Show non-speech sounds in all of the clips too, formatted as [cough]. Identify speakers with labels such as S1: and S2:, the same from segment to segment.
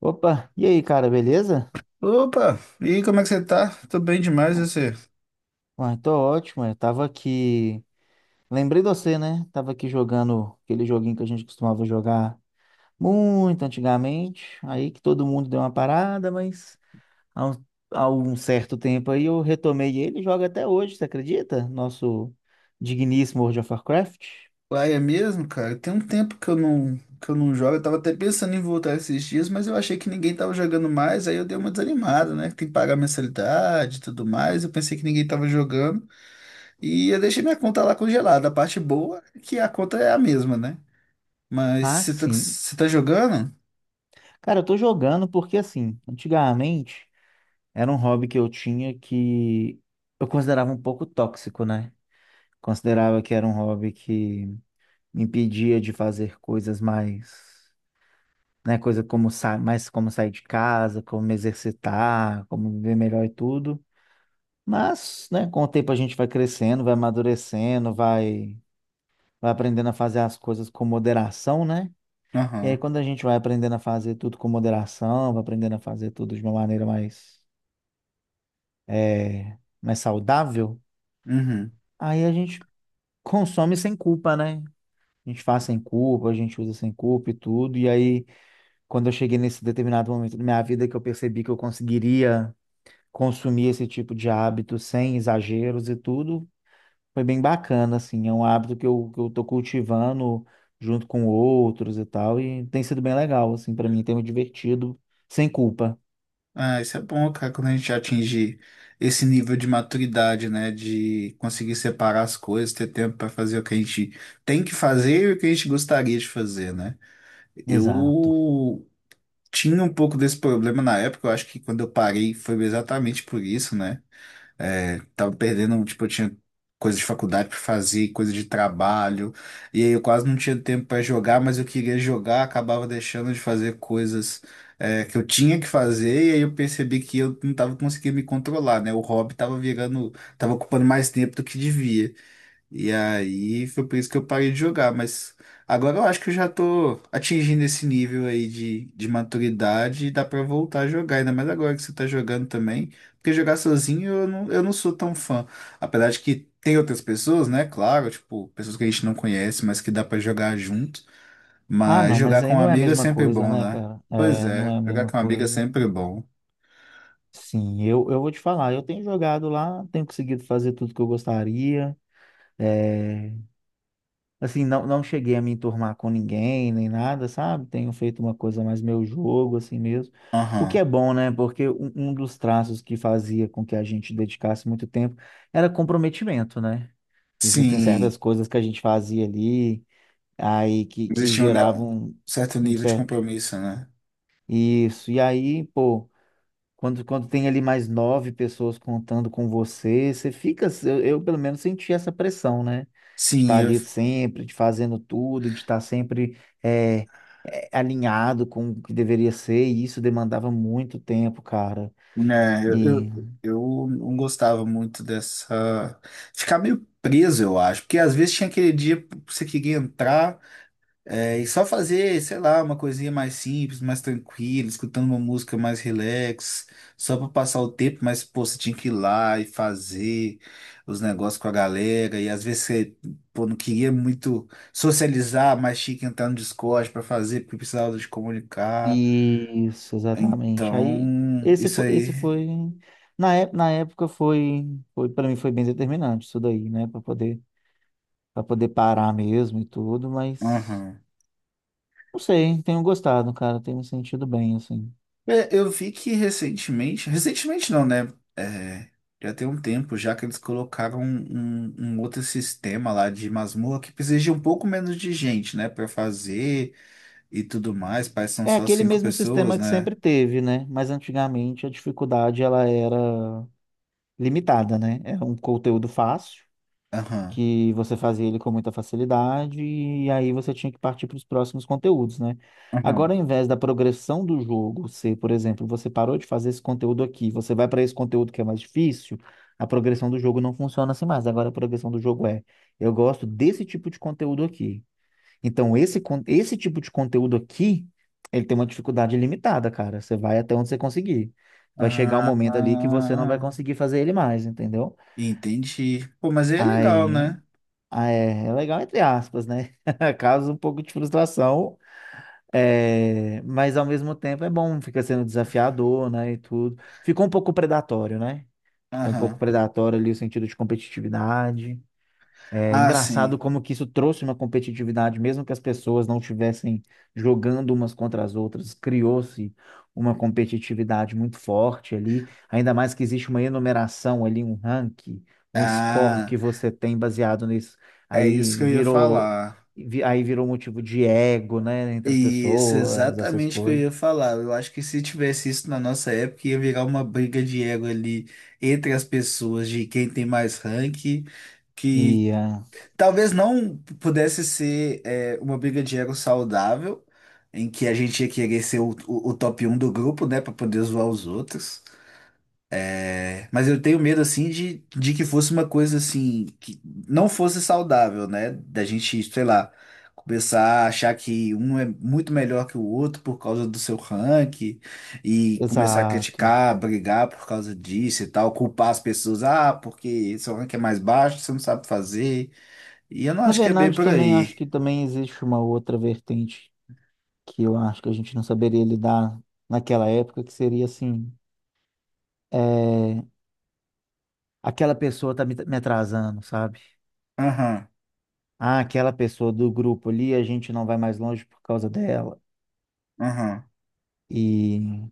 S1: Opa, e aí, cara, beleza?
S2: Opa, e aí, como é que você tá? Tô bem demais, e
S1: Bom,
S2: você?
S1: ah, tô ótimo, eu tava aqui. Lembrei de você, né? Tava aqui jogando aquele joguinho que a gente costumava jogar muito antigamente. Aí que todo mundo deu uma parada, mas há um, há um certo tempo aí eu retomei ele e jogo até hoje, você acredita? Nosso digníssimo World of Warcraft.
S2: Uai, é mesmo, cara? Tem um tempo que eu não jogo. Eu tava até pensando em voltar esses dias, mas eu achei que ninguém tava jogando mais, aí eu dei uma desanimada, né? Tem que pagar mensalidade e tudo mais. Eu pensei que ninguém tava jogando. E eu deixei minha conta lá congelada. A parte boa é que a conta é a mesma, né? Mas
S1: Ah,
S2: você tá,
S1: sim.
S2: você tá jogando?
S1: Cara, eu tô jogando porque, assim, antigamente era um hobby que eu tinha que eu considerava um pouco tóxico, né? Considerava que era um hobby que me impedia de fazer coisas mais, né, coisa como sa mais como sair de casa, como me exercitar, como viver melhor e tudo. Mas, né, com o tempo a gente vai crescendo, vai amadurecendo, vai aprendendo a fazer as coisas com moderação, né? E aí
S2: Aham.
S1: quando a gente vai aprendendo a fazer tudo com moderação, vai aprendendo a fazer tudo de uma maneira mais, é, mais saudável,
S2: Uhum.
S1: aí a gente consome sem culpa, né? A gente faz sem culpa, a gente usa sem culpa e tudo. E aí, quando eu cheguei nesse determinado momento da minha vida que eu percebi que eu conseguiria consumir esse tipo de hábito sem exageros e tudo, foi bem bacana, assim. É um hábito que eu tô cultivando junto com outros e tal. E tem sido bem legal, assim, para mim, tem me divertido sem culpa.
S2: Ah, isso é bom, cara, quando a gente atingir esse nível de maturidade, né? De conseguir separar as coisas, ter tempo para fazer o que a gente tem que fazer e o que a gente gostaria de fazer, né?
S1: Exato.
S2: Eu tinha um pouco desse problema na época, eu acho que quando eu parei foi exatamente por isso, né? É, tava perdendo, tipo, eu tinha coisa de faculdade pra fazer, coisa de trabalho, e aí eu quase não tinha tempo pra jogar, mas eu queria jogar, acabava deixando de fazer coisas, que eu tinha que fazer, e aí eu percebi que eu não tava conseguindo me controlar, né? O hobby tava ocupando mais tempo do que devia. E aí foi por isso que eu parei de jogar, mas agora eu acho que eu já tô atingindo esse nível aí de, maturidade e dá pra voltar a jogar, ainda mais agora que você tá jogando também, porque jogar sozinho eu não sou tão fã. Apesar de que tem outras pessoas, né? Claro, tipo, pessoas que a gente não conhece, mas que dá pra jogar junto.
S1: Ah,
S2: Mas
S1: não, mas
S2: jogar com
S1: aí
S2: um
S1: não é a
S2: amigo é
S1: mesma
S2: sempre
S1: coisa,
S2: bom,
S1: né,
S2: né?
S1: cara?
S2: Pois
S1: É, não
S2: é,
S1: é a
S2: jogar
S1: mesma
S2: com um amigo é
S1: coisa.
S2: sempre bom.
S1: Sim, eu vou te falar, eu tenho jogado lá, tenho conseguido fazer tudo que eu gostaria. É, assim, não, não cheguei a me enturmar com ninguém, nem nada, sabe? Tenho feito uma coisa mais meu jogo, assim mesmo. O que é
S2: Aham.
S1: bom, né? Porque um dos traços que fazia com que a gente dedicasse muito tempo era comprometimento, né? Existem certas
S2: Sim,
S1: coisas que a gente fazia ali, aí que
S2: existia um
S1: geravam
S2: certo
S1: um
S2: nível de
S1: certo.
S2: compromisso, né?
S1: Isso. E aí, pô. Quando tem ali mais nove pessoas contando com você, você fica, eu, pelo menos senti essa pressão, né? De
S2: Sim,
S1: estar
S2: eu
S1: ali sempre, de fazendo tudo, de estar sempre é, é, alinhado com o que deveria ser, e isso demandava muito tempo, cara.
S2: né,
S1: E
S2: eu não gostava muito dessa. Ficar meio preso, eu acho, porque às vezes tinha aquele dia que você queria entrar e só fazer, sei lá, uma coisinha mais simples, mais tranquila, escutando uma música mais relax, só para passar o tempo, mas pô, você tinha que ir lá e fazer os negócios com a galera, e às vezes você pô, não queria muito socializar, mas tinha que entrar no Discord para fazer, porque precisava de comunicar.
S1: isso, exatamente. Aí
S2: Então,
S1: esse
S2: isso
S1: foi,
S2: aí.
S1: esse foi na época foi para mim foi bem determinante isso daí, né? Para poder parar mesmo e tudo, mas.
S2: Aham.
S1: Não sei, tenho gostado, cara, tenho me sentido bem, assim.
S2: É, eu vi que recentemente, recentemente não, né? É, já tem um tempo já que eles colocaram um outro sistema lá de masmorra que precisa de um pouco menos de gente, né? Pra fazer e tudo mais. Parece que são
S1: É
S2: só
S1: aquele
S2: cinco
S1: mesmo sistema
S2: pessoas,
S1: que
S2: né?
S1: sempre teve, né? Mas antigamente a dificuldade ela era limitada, né? Era um conteúdo fácil,
S2: Aham,
S1: que você fazia ele com muita facilidade, e aí você tinha que partir para os próximos conteúdos, né?
S2: aham.
S1: Agora, ao invés da progressão do jogo ser, por exemplo, você parou de fazer esse conteúdo aqui, você vai para esse conteúdo que é mais difícil, a progressão do jogo não funciona assim mais. Agora a progressão do jogo é, eu gosto desse tipo de conteúdo aqui. Então, esse, esse tipo de conteúdo aqui, ele tem uma dificuldade limitada, cara. Você vai até onde você conseguir. Vai chegar um
S2: Ah,
S1: momento ali que você não vai
S2: ah,
S1: conseguir fazer ele mais, entendeu?
S2: entendi. Pô, mas aí é legal,
S1: Aí,
S2: né?
S1: ah, é, é legal entre aspas, né? [laughs] Causa um pouco de frustração, é, mas ao mesmo tempo é bom, fica sendo desafiador, né, e tudo. Ficou um pouco predatório, né? Ficou um pouco
S2: Aham.
S1: predatório ali o sentido de competitividade. É
S2: Ah,
S1: engraçado
S2: sim.
S1: como que isso trouxe uma competitividade, mesmo que as pessoas não estivessem jogando umas contra as outras, criou-se uma competitividade muito forte ali, ainda mais que existe uma enumeração ali, um ranking, um score
S2: Ah,
S1: que você tem baseado nisso.
S2: é
S1: Aí
S2: isso que eu ia
S1: virou,
S2: falar.
S1: aí virou motivo de ego, né, entre as
S2: Isso,
S1: pessoas, essas
S2: exatamente o que eu
S1: coisas.
S2: ia falar. Eu acho que se tivesse isso na nossa época, ia virar uma briga de ego ali entre as pessoas de quem tem mais rank, que
S1: E, ah,
S2: talvez não pudesse ser uma briga de ego saudável, em que a gente ia querer ser o top um do grupo, né, para poder zoar os outros. Mas eu tenho medo, assim, de, que fosse uma coisa, assim, que não fosse saudável, né? Da gente, sei lá, começar a achar que um é muito melhor que o outro por causa do seu ranking e começar a
S1: exato.
S2: criticar, brigar por causa disso e tal, culpar as pessoas, ah, porque seu ranking é mais baixo, você não sabe fazer. E eu não
S1: Na
S2: acho que é bem
S1: verdade,
S2: por
S1: também acho
S2: aí.
S1: que também existe uma outra vertente que eu acho que a gente não saberia lidar naquela época, que seria assim, é, aquela pessoa tá me atrasando, sabe?
S2: Aham,
S1: Ah, aquela pessoa do grupo ali, a gente não vai mais longe por causa dela.
S2: aham.
S1: E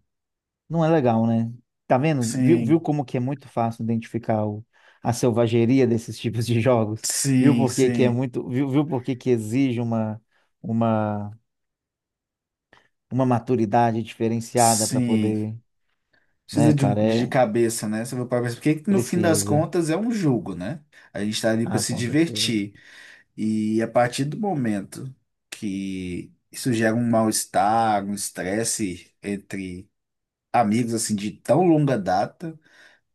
S1: não é legal, né? Tá vendo? Viu
S2: Sim,
S1: como que é muito fácil identificar a selvageria desses [laughs] tipos de jogos? Viu
S2: sim,
S1: por que que é
S2: sim,
S1: muito, viu por que que exige uma, uma, uma maturidade diferenciada para
S2: sim.
S1: poder, né,
S2: Precisa de,
S1: cara?
S2: de
S1: É,
S2: cabeça, né? Você vai para pensar, porque no fim das
S1: precisa.
S2: contas é um jogo, né? A gente tá ali para
S1: Ah,
S2: se
S1: com certeza.
S2: divertir. E a partir do momento que isso gera um mal-estar, um estresse entre amigos, assim, de tão longa data,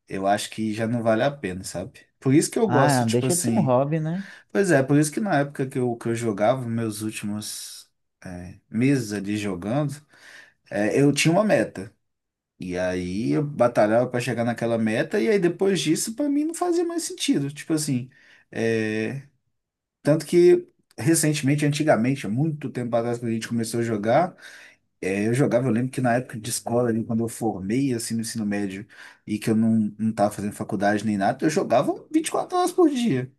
S2: eu acho que já não vale a pena, sabe? Por isso que eu gosto,
S1: Ah,
S2: tipo
S1: deixa de ser um
S2: assim.
S1: hobby, né?
S2: Pois é, por isso que na época que eu jogava, meus últimos, meses ali jogando, eu tinha uma meta. E aí eu batalhava para chegar naquela meta, e aí depois disso, para mim, não fazia mais sentido. Tipo assim, é, tanto que recentemente, antigamente, há muito tempo atrás, quando a gente começou a jogar, eu jogava, eu lembro que na época de escola, ali, quando eu formei, assim, no ensino médio, e que eu não tava fazendo faculdade nem nada, eu jogava 24 horas por dia.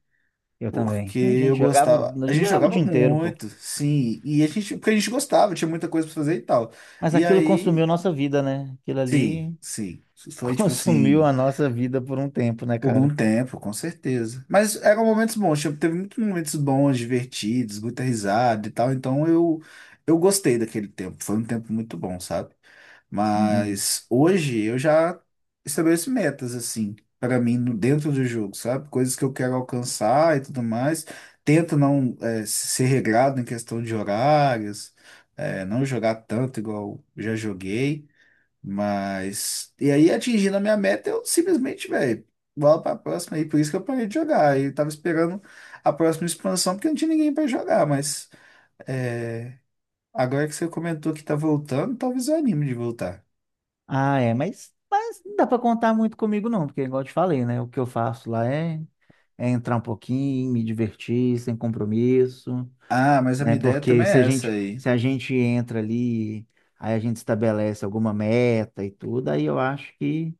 S1: Eu também.
S2: Porque eu gostava,
S1: A
S2: a
S1: gente
S2: gente
S1: jogava o
S2: jogava
S1: dia inteiro, pô.
S2: muito, sim, e porque a gente gostava, tinha muita coisa para fazer e tal.
S1: Mas
S2: E
S1: aquilo
S2: aí,
S1: consumiu nossa vida, né? Aquilo
S2: sim,
S1: ali
S2: sim, foi
S1: [laughs]
S2: tipo
S1: consumiu
S2: assim.
S1: a nossa vida por um tempo, né,
S2: Por um
S1: cara?
S2: tempo, com certeza. Mas eram momentos bons, tipo, teve muitos momentos bons, divertidos, muita risada e tal. Então eu gostei daquele tempo. Foi um tempo muito bom, sabe?
S1: Sim.
S2: Mas hoje eu já estabeleço metas, assim, para mim, dentro do jogo, sabe? Coisas que eu quero alcançar e tudo mais. Tento não, ser regrado em questão de horários, não jogar tanto igual já joguei. Mas. E aí, atingindo a minha meta, eu simplesmente, velho, bola pra próxima aí. Por isso que eu parei de jogar. Eu tava esperando a próxima expansão, porque não tinha ninguém pra jogar. Mas. é, Agora que você comentou que tá voltando, talvez eu anime de voltar.
S1: Ah, é, mas não dá pra contar muito comigo, não, porque igual eu te falei, né? O que eu faço lá é, é entrar um pouquinho, me divertir, sem compromisso,
S2: Ah, mas a
S1: né?
S2: minha ideia
S1: Porque
S2: também
S1: se a
S2: é essa
S1: gente,
S2: aí.
S1: se a gente entra ali, aí a gente estabelece alguma meta e tudo, aí eu acho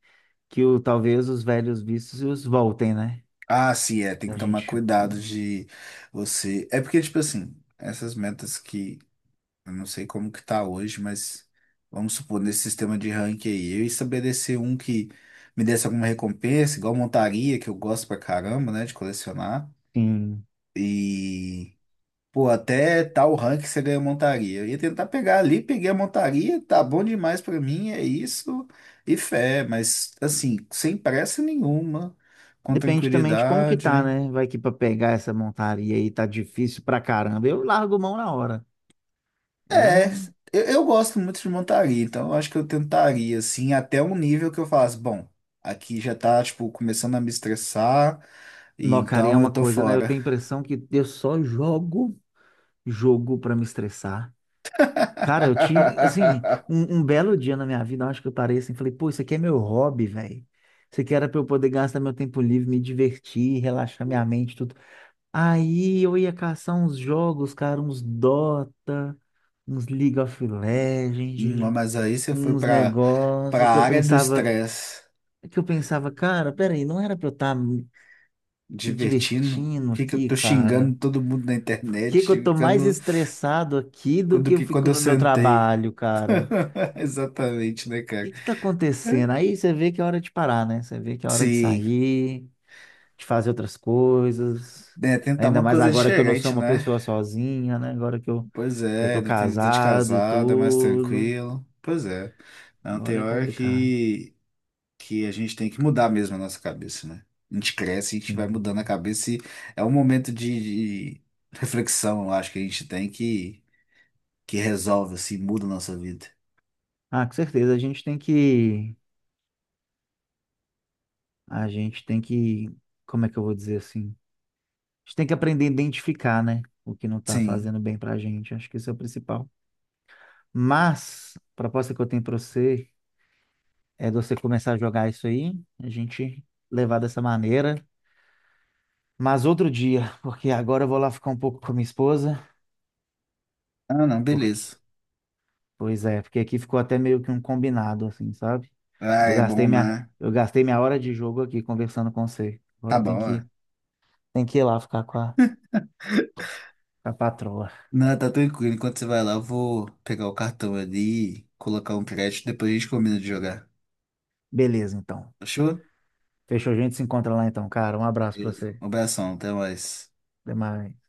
S1: que o, talvez os velhos vícios voltem, né?
S2: Ah, sim, é. Tem que
S1: A
S2: tomar
S1: gente,
S2: cuidado de você. É porque, tipo assim, essas metas que Eu não sei como que tá hoje, mas vamos supor, nesse sistema de ranking aí, eu estabelecer um que me desse alguma recompensa, igual montaria, que eu gosto pra caramba, né, de colecionar.
S1: sim.
S2: E, pô, até tal rank você ganha montaria. Eu ia tentar pegar ali, peguei a montaria, tá bom demais pra mim, é isso, e fé, mas assim, sem pressa nenhuma, com
S1: Depende também de como que tá,
S2: tranquilidade.
S1: né? Vai que pra pegar essa montaria aí tá difícil pra caramba. Eu largo mão na hora. Eu
S2: É,
S1: não.
S2: eu gosto muito de montaria, então eu acho que eu tentaria, assim, até um nível que eu falasse, bom, aqui já tá, tipo, começando a me estressar, e
S1: Não, cara, e é
S2: então eu
S1: uma
S2: tô
S1: coisa, né? Eu
S2: fora.
S1: tenho a impressão que eu só jogo pra me estressar. Cara, eu tinha, assim,
S2: [laughs]
S1: um belo dia na minha vida, eu acho que eu parei assim, e falei, pô, isso aqui é meu hobby, velho. Isso aqui era pra eu poder gastar meu tempo livre, me divertir, relaxar minha mente, tudo. Aí eu ia caçar uns jogos, cara, uns Dota, uns League of
S2: Não,
S1: Legends,
S2: mas aí você foi
S1: uns
S2: pra,
S1: negócios que eu
S2: área do
S1: pensava,
S2: estresse,
S1: cara, peraí, não era pra eu estar me
S2: divertindo,
S1: divertindo
S2: que eu
S1: aqui,
S2: tô xingando
S1: cara?
S2: todo mundo na
S1: Por
S2: internet,
S1: que que eu tô mais
S2: xingando
S1: estressado aqui do
S2: quando
S1: que eu
S2: que quando
S1: fico
S2: eu
S1: no meu
S2: sentei.
S1: trabalho, cara?
S2: [laughs] Exatamente, né,
S1: O
S2: cara?
S1: que que tá acontecendo? Aí você vê que é hora de parar, né? Você vê que é hora de
S2: Sim,
S1: sair, de fazer outras coisas.
S2: né, tentar
S1: Ainda
S2: uma
S1: mais
S2: coisa
S1: agora que eu não sou
S2: diferente,
S1: uma
S2: né?
S1: pessoa sozinha, né? Agora
S2: Pois
S1: que eu
S2: é,
S1: tô
S2: ainda tem vida de
S1: casado e
S2: casada, mais
S1: tudo.
S2: tranquilo. Pois é. Não tem
S1: Agora é
S2: hora
S1: complicado.
S2: que, a gente tem que mudar mesmo a nossa cabeça, né? A gente cresce, a gente vai mudando a
S1: Sim.
S2: cabeça e é um momento de, reflexão, eu acho que a gente tem que resolve, assim, muda a nossa vida.
S1: Ah, com certeza. A gente tem que. A gente tem que. Como é que eu vou dizer assim? A gente tem que aprender a identificar, né? O que não tá
S2: Sim.
S1: fazendo bem pra gente. Acho que isso é o principal. Mas, a proposta que eu tenho pra você é de você começar a jogar isso aí, a gente levar dessa maneira. Mas outro dia, [laughs] porque agora eu vou lá ficar um pouco com a minha esposa,
S2: Ah, não,
S1: porque,
S2: beleza.
S1: pois é, porque aqui ficou até meio que um combinado, assim, sabe?
S2: Ah, é bom, né?
S1: Eu gastei minha hora de jogo aqui conversando com você.
S2: Tá
S1: Agora eu
S2: bom, é.
S1: tenho que ir lá ficar com a patroa.
S2: Não, tá tranquilo. Enquanto você vai lá, eu vou pegar o cartão ali, colocar um crédito, depois a gente combina de jogar.
S1: Beleza, então.
S2: Fechou?
S1: Fechou, a gente se encontra lá então, cara. Um abraço pra
S2: Beleza.
S1: você.
S2: Um abração, até mais.
S1: Até mais.